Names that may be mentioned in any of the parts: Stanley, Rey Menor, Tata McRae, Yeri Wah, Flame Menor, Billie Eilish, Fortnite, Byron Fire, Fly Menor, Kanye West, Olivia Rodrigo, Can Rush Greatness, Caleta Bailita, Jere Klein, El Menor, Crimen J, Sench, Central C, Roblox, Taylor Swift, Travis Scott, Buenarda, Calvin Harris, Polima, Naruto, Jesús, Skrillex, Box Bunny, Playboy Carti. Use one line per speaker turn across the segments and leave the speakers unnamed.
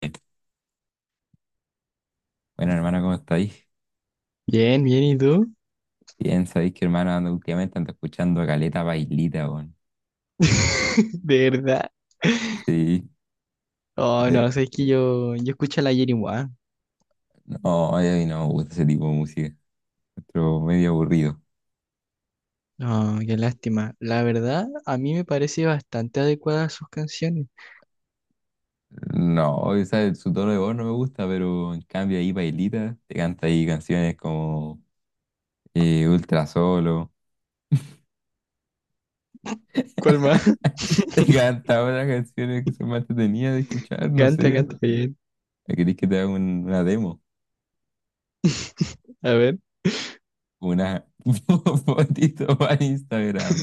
Este, Bueno, hermano, ¿cómo estáis?
Bien, bien, ¿y tú?
Bien, sabéis que hermano, ando- últimamente ando escuchando a Caleta Bailita, weón.
¿De verdad?
Sí.
Oh, no,
eh,
sé, es que yo escucho a la Yeri Wah.
no, a mí no me gusta ese tipo de música. Pero medio aburrido.
No, qué lástima. La verdad, a mí me parece bastante adecuada sus canciones.
No, o sea, su tono de voz no me gusta, pero en cambio ahí Bailita te canta ahí canciones como Ultra Solo.
¿Cuál más?
Te canta otras canciones que son más entretenidas de escuchar, no
Canta,
sé.
canta bien.
¿Queréis que te haga una demo?
A ver,
Una fotito para Instagram.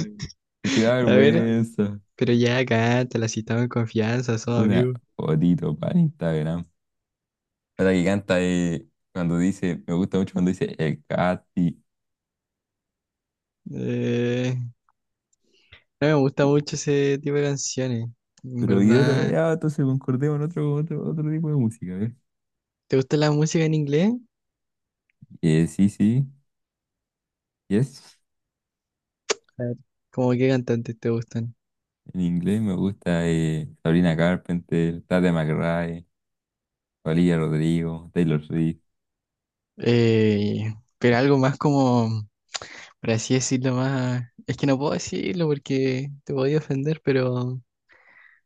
Me da
a ver.
vergüenza.
Pero ya canta, la citamos en confianza, somos
Una
amigos.
fotito para Instagram. Otra que canta cuando dice, me gusta mucho cuando dice el Katy.
Eh, no me gusta mucho ese tipo de canciones, en
Pero y otro,
verdad.
ya, entonces concordemos en otro, otro tipo de música, ¿eh?
¿Te gusta la música en inglés?
Sí, sí, yes.
A ver, ¿cómo qué cantantes te gustan?
En inglés me gusta Sabrina Carpenter, Tata McRae, Olivia Rodrigo, Taylor Swift.
Eh, pero algo más como... Por así decirlo más. Es que no puedo decirlo porque te podía ofender, pero.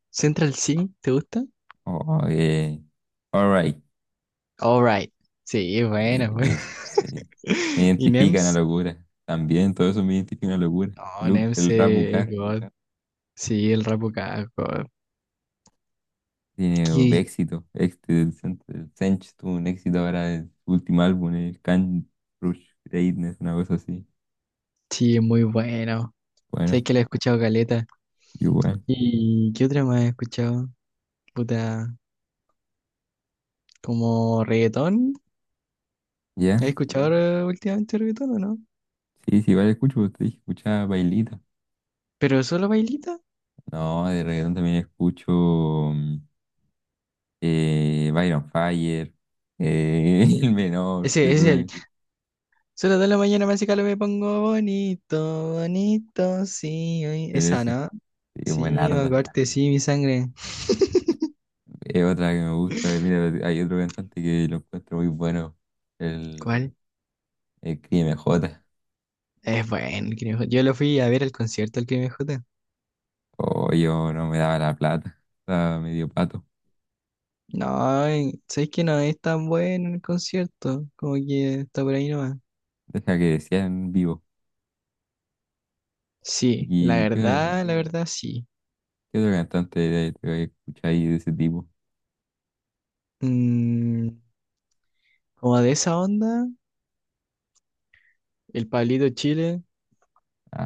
Central C, ¿te gusta?
Oh, alright.
Alright. Sí, bueno pues.
Sí.
¿Y
Me
sí,
identifica una
NEMS?
locura. También todo eso me identifica una locura.
No,
El,
NEMS
el
sí,
rap
es
UK.
me God. Gusta. Sí, el rap acá es God.
Tiene
Que-
éxito. El Sench tuvo un éxito ahora el último álbum, el Can Rush Greatness, una cosa así.
sí, es muy bueno. Sabes
Bueno,
que lo he escuchado caleta.
igual.
¿Y qué otra más he escuchado? Puta, como reggaetón.
¿Ya?
¿Has escuchado mm. ahora últimamente reggaetón o no?
Sí, sí, vale, escucho, pues, te dije, escuchaba Bailita.
¿Pero solo bailita?
No, de reggaetón también escucho Byron Fire, El Menor, que
Ese,
eso
ese solo de la mañana me hace calor, me pongo bonito, bonito, sí. Ay. Esa,
ese.
¿no?
Sí,
Sí, me
Buenarda.
acuerdo, sí, mi sangre.
Es otra que me gusta. Mira, hay otro cantante que lo encuentro muy bueno, el,
¿Cuál?
el K M J.
Es bueno el Crimen J. Yo lo fui a ver al concierto del Crimen J.
O yo no me daba la plata, estaba medio pato.
No, ¿sabes que no es tan bueno el concierto? Como que está por ahí nomás.
Deja que decían vivo.
Sí,
¿Y qué,
la verdad, sí.
qué otro cantante de- te voy de ese tipo?
Mm, como de esa onda, el Pablito Chile,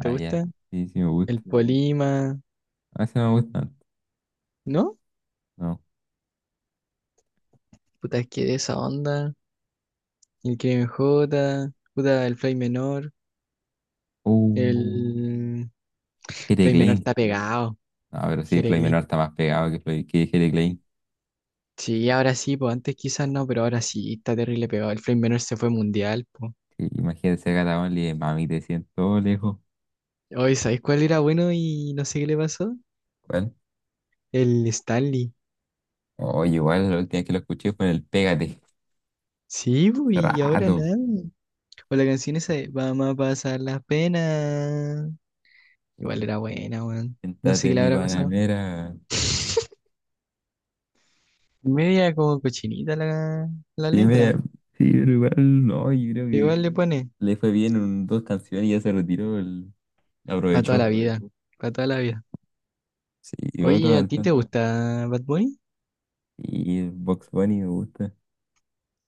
¿te
ya,
gusta?
sí, sí me
El
gusta.
no. Polima,
A veces no me gusta,
¿no?
no.
Puta, es que de esa onda, el Crimen J, puta, el Fly Menor.
Uh,
El
Jere
Rey Menor
Klein.
está pegado.
No, pero sí,
Jere
Floyd
Klein.
Menor está más pegado que Floyd, que Jere Klein.
Sí, ahora sí, pues antes quizás no, pero ahora sí está terrible pegado. El Flame Menor se fue mundial, pues.
Sí, imagínate ser Gata Only de mami, te siento lejos.
Oye, ¿sabes cuál era bueno y no sé qué le pasó?
¿Cuál?
El Stanley.
Oye, igual la última vez que lo escuché fue en el Pégate.
Sí, pues,
Hace
y ahora
rato.
nada. O la canción esa de vamos a pasar las penas. Igual era buena, weón. No sé
Siéntate
qué
en
le
mi
habrá pasado.
panamera.
Media como cochinita la, la
Sí, me,
letra.
Sí, pero igual no, yo creo que
Igual le pone.
le fue bien en dos canciones y ya se retiró,
Para toda
aprovechó.
la vida. Para toda la vida.
Sí, y otro
Oye, ¿a ti te
cantante.
gusta Bad Bunny?
Y Box Bunny me gusta.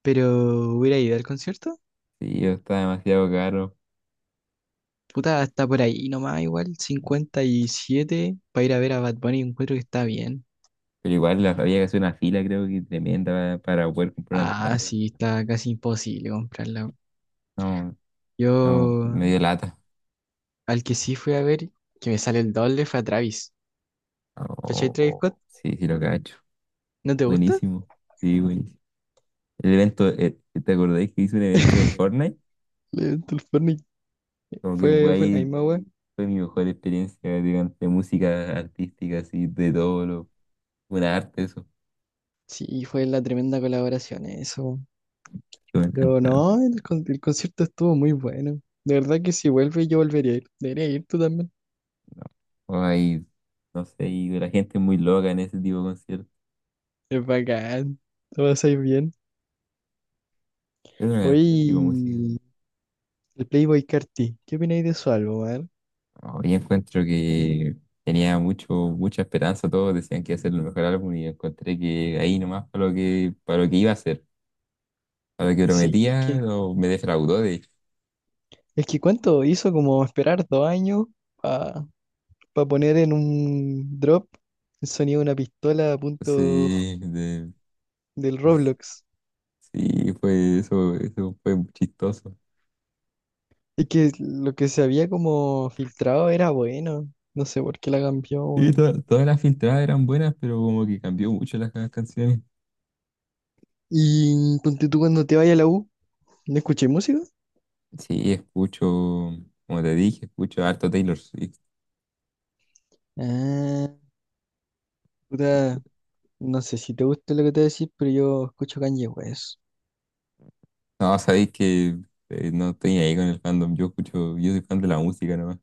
Pero hubiera ido al concierto.
Sí, yo estaba demasiado caro.
Puta, está por ahí nomás igual, 57 para ir a ver a Bad Bunny, encuentro que está bien.
Pero igual había que hacer una fila, creo que tremenda para poder comprar una
Ah,
entrada.
sí, está casi imposible comprarla.
No, no,
Yo
medio lata.
al que sí fui a ver, que me sale el doble, fue a Travis. ¿Cachai Travis
Oh,
Scott?
sí, sí lo cacho.
¿No te gusta?
Buenísimo. Sí, buenísimo. El evento, ¿te acordáis que hice un evento del Fortnite?
Del Fortnite.
Como que fue
Fue la
ahí,
misma web.
fue mi mejor experiencia digamos, de música artística, así, de todo lo, buena arte, eso,
Sí, fue la tremenda colaboración eso.
que me
Pero
encanta.
no, el concierto estuvo muy bueno. De verdad que si vuelve yo volvería a ir. Debería ir tú también.
No. O hay, no sé, y la gente es muy loca en ese tipo de conciertos.
Es bacán. Lo pasáis bien.
Es una tipo de música.
Oye, el Playboy Carti, ¿qué opináis de su álbum, man?
Hoy encuentro que tenía mucha esperanza, todos decían que iba a ser el mejor álbum y encontré que ahí nomás para lo que iba a ser, para lo que
Sí,
prometía, o me defraudó de hecho.
es que cuánto hizo como esperar 2 años para poner en un drop el sonido de una pistola a punto
Sí, de-
del
pues,
Roblox.
sí, fue eso, eso fue chistoso.
Y que lo que se había como filtrado era bueno. No sé por qué la cambió,
Sí,
weón.
todas las filtradas eran buenas, pero como que cambió mucho las canciones.
Y ponte tú cuando te vayas a la U, ¿no escuché música?
Sí, escucho, como te dije, escucho harto Taylor Swift.
Ah, puta,
Escu-
no sé si te gusta lo que te voy a decir, pero yo escucho Kanye West.
No, sabéis que no estoy ahí con el fandom. Yo escucho, yo soy fan de la música nomás.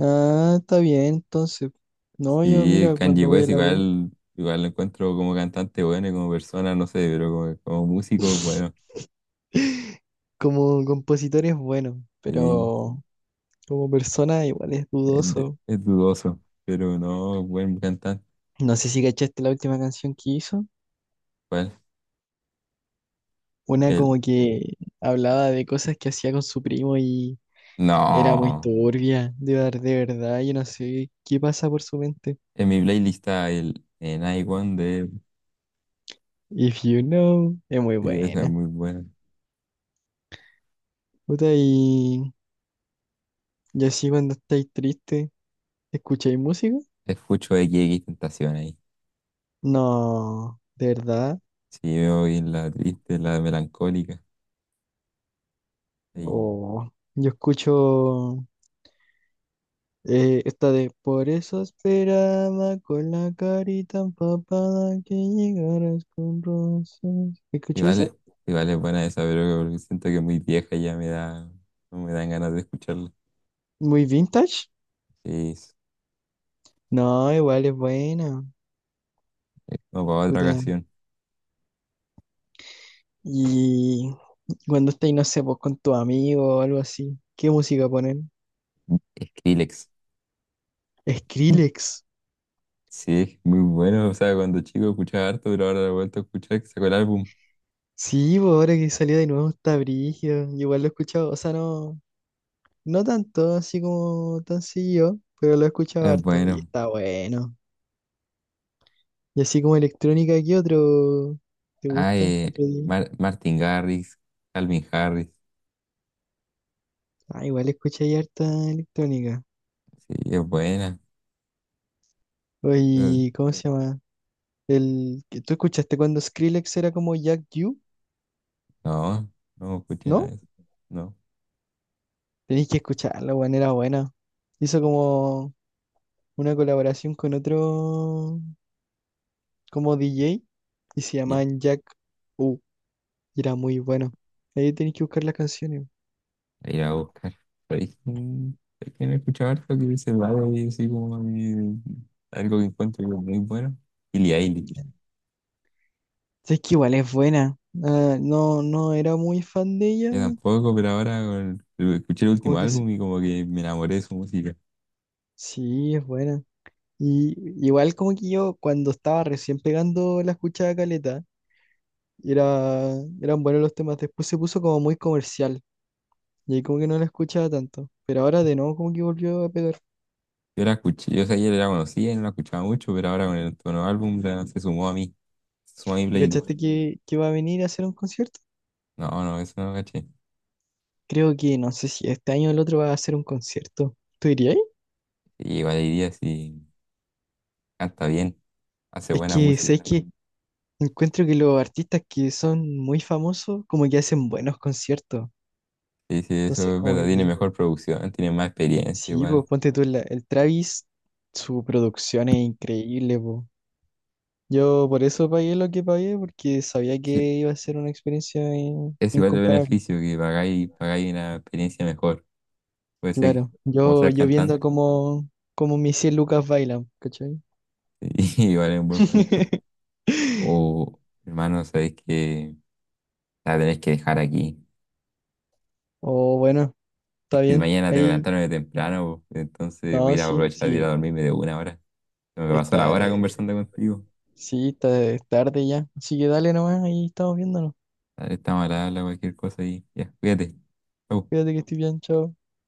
Ah, está bien, entonces. No, yo
Sí,
mira,
Kanye
cuando voy a
West
la U,
igual, igual lo encuentro como cantante bueno y como persona, no sé, pero como, como músico, bueno,
como compositor es bueno,
sí,
pero como persona igual es dudoso.
es dudoso. Pero no, buen cantante.
No sé si cachaste la última canción que hizo.
¿Cuál?
Una
El,
como que hablaba de cosas que hacía con su primo y era muy
no.
turbia, de verdad, yo no sé qué pasa por su mente.
En mi playlist está el en I One de.
If you know, es muy
Sí, esa es
buena.
muy buena.
Puta, y así cuando estáis triste, ¿escucháis música?
Escucho de Tentación ahí.
No, de verdad.
Sí, me voy en la triste, en la melancólica.
Oh, yo escucho esta de por eso esperaba con la carita empapada que llegaras con rosas. ¿Escuchó
Igual,
esa?
es- Igual es buena esa, pero porque siento que es muy vieja y ya me da, no me dan ganas de escucharla.
¿Muy vintage?
Sí, es-
No, igual es buena.
no, para otra
Puta.
ocasión.
Y cuando estáis, no sé, pues con tu amigo o algo así, ¿qué música ponen?
Skrillex.
Skrillex.
Sí, muy bueno. O sea, cuando chico escuchaba harto, pero ahora lo he vuelto a escuchar, que sacó el álbum.
Sí, pues ahora que salió de nuevo está brígido. Yo igual lo he escuchado, o sea, no, no tanto, así como tan seguido, pero lo he escuchado
Es
harto y
bueno.
está bueno. Y así como electrónica, ¿qué otro te
Ah,
gusta?
eh,
¿Otro día?
Martin Garrix, Calvin Harris.
Ah, igual escuché harta electrónica.
Sí, es buena. Eh,
Oye, ¿cómo se llama? El que tú escuchaste cuando Skrillex era como Jack U,
No, no escuché nada
¿no?
de eso. No.
Tenéis que escucharlo, weón, era buena. Hizo como una colaboración con otro como DJ y se llamaban Jack U y era muy bueno. Ahí tenéis que buscar las canciones.
A ir a buscar. Pero es que es que me he escuchado harto que se va de así algo que encuentro que es muy bueno. Billie Eilish.
Es que igual es buena. Ah, no, no era muy fan de ella.
Yo tampoco, pero ahora con escuché el
Como
último
que se-
álbum y como que me enamoré de su música.
sí, es buena. Y igual como que yo cuando estaba recién pegando la escuchada caleta, era, eran buenos los temas. Después se puso como muy comercial y ahí como que no la escuchaba tanto. Pero ahora de nuevo como que volvió a pegar.
Yo la escuché, yo ayer la conocía y no la escuchaba mucho, pero ahora con el nuevo álbum se sumó a mí. Se sumó a mi
¿Y
playlist.
cachaste que va a venir a hacer un concierto?
No, no, eso no lo caché.
Creo que no sé si este año o el otro va a hacer un concierto. ¿Tú dirías?
Y igual diría si canta bien, hace
Es
buena
que
música.
sabes que encuentro que los artistas que son muy famosos como que hacen buenos conciertos.
Sí, sí,
Entonces
eso es
como
verdad, tiene
que
mejor producción, tiene más experiencia
sí, pues
igual.
ponte tú el Travis, su producción es increíble, pues. Yo por eso pagué lo que pagué, porque sabía que
Sí,
iba a ser una experiencia
es igual de
incomparable.
beneficio que pagáis, pagáis una experiencia mejor. Puede ser que,
Claro,
como
yo,
ser
yo viendo
cantante.
cómo, cómo mis 100 lucas bailan, ¿cachai?
Y igual es un buen punto. O, hermano, sabéis que la tenés que dejar aquí.
O bueno,
Es
está
que
bien.
mañana tengo que
Ahí,
levantarme temprano, po. Entonces voy a
no,
ir a
sí,
aprovechar de ir a dormirme de una hora. Se me pasó la
está,
hora
eh,
conversando contigo.
sí, está es tarde ya. Así que dale nomás, ahí estamos viéndonos.
Dale, estamos a la habla, cualquier cosa y ya, cuídate. Chau.
Cuídate que estoy bien, chao.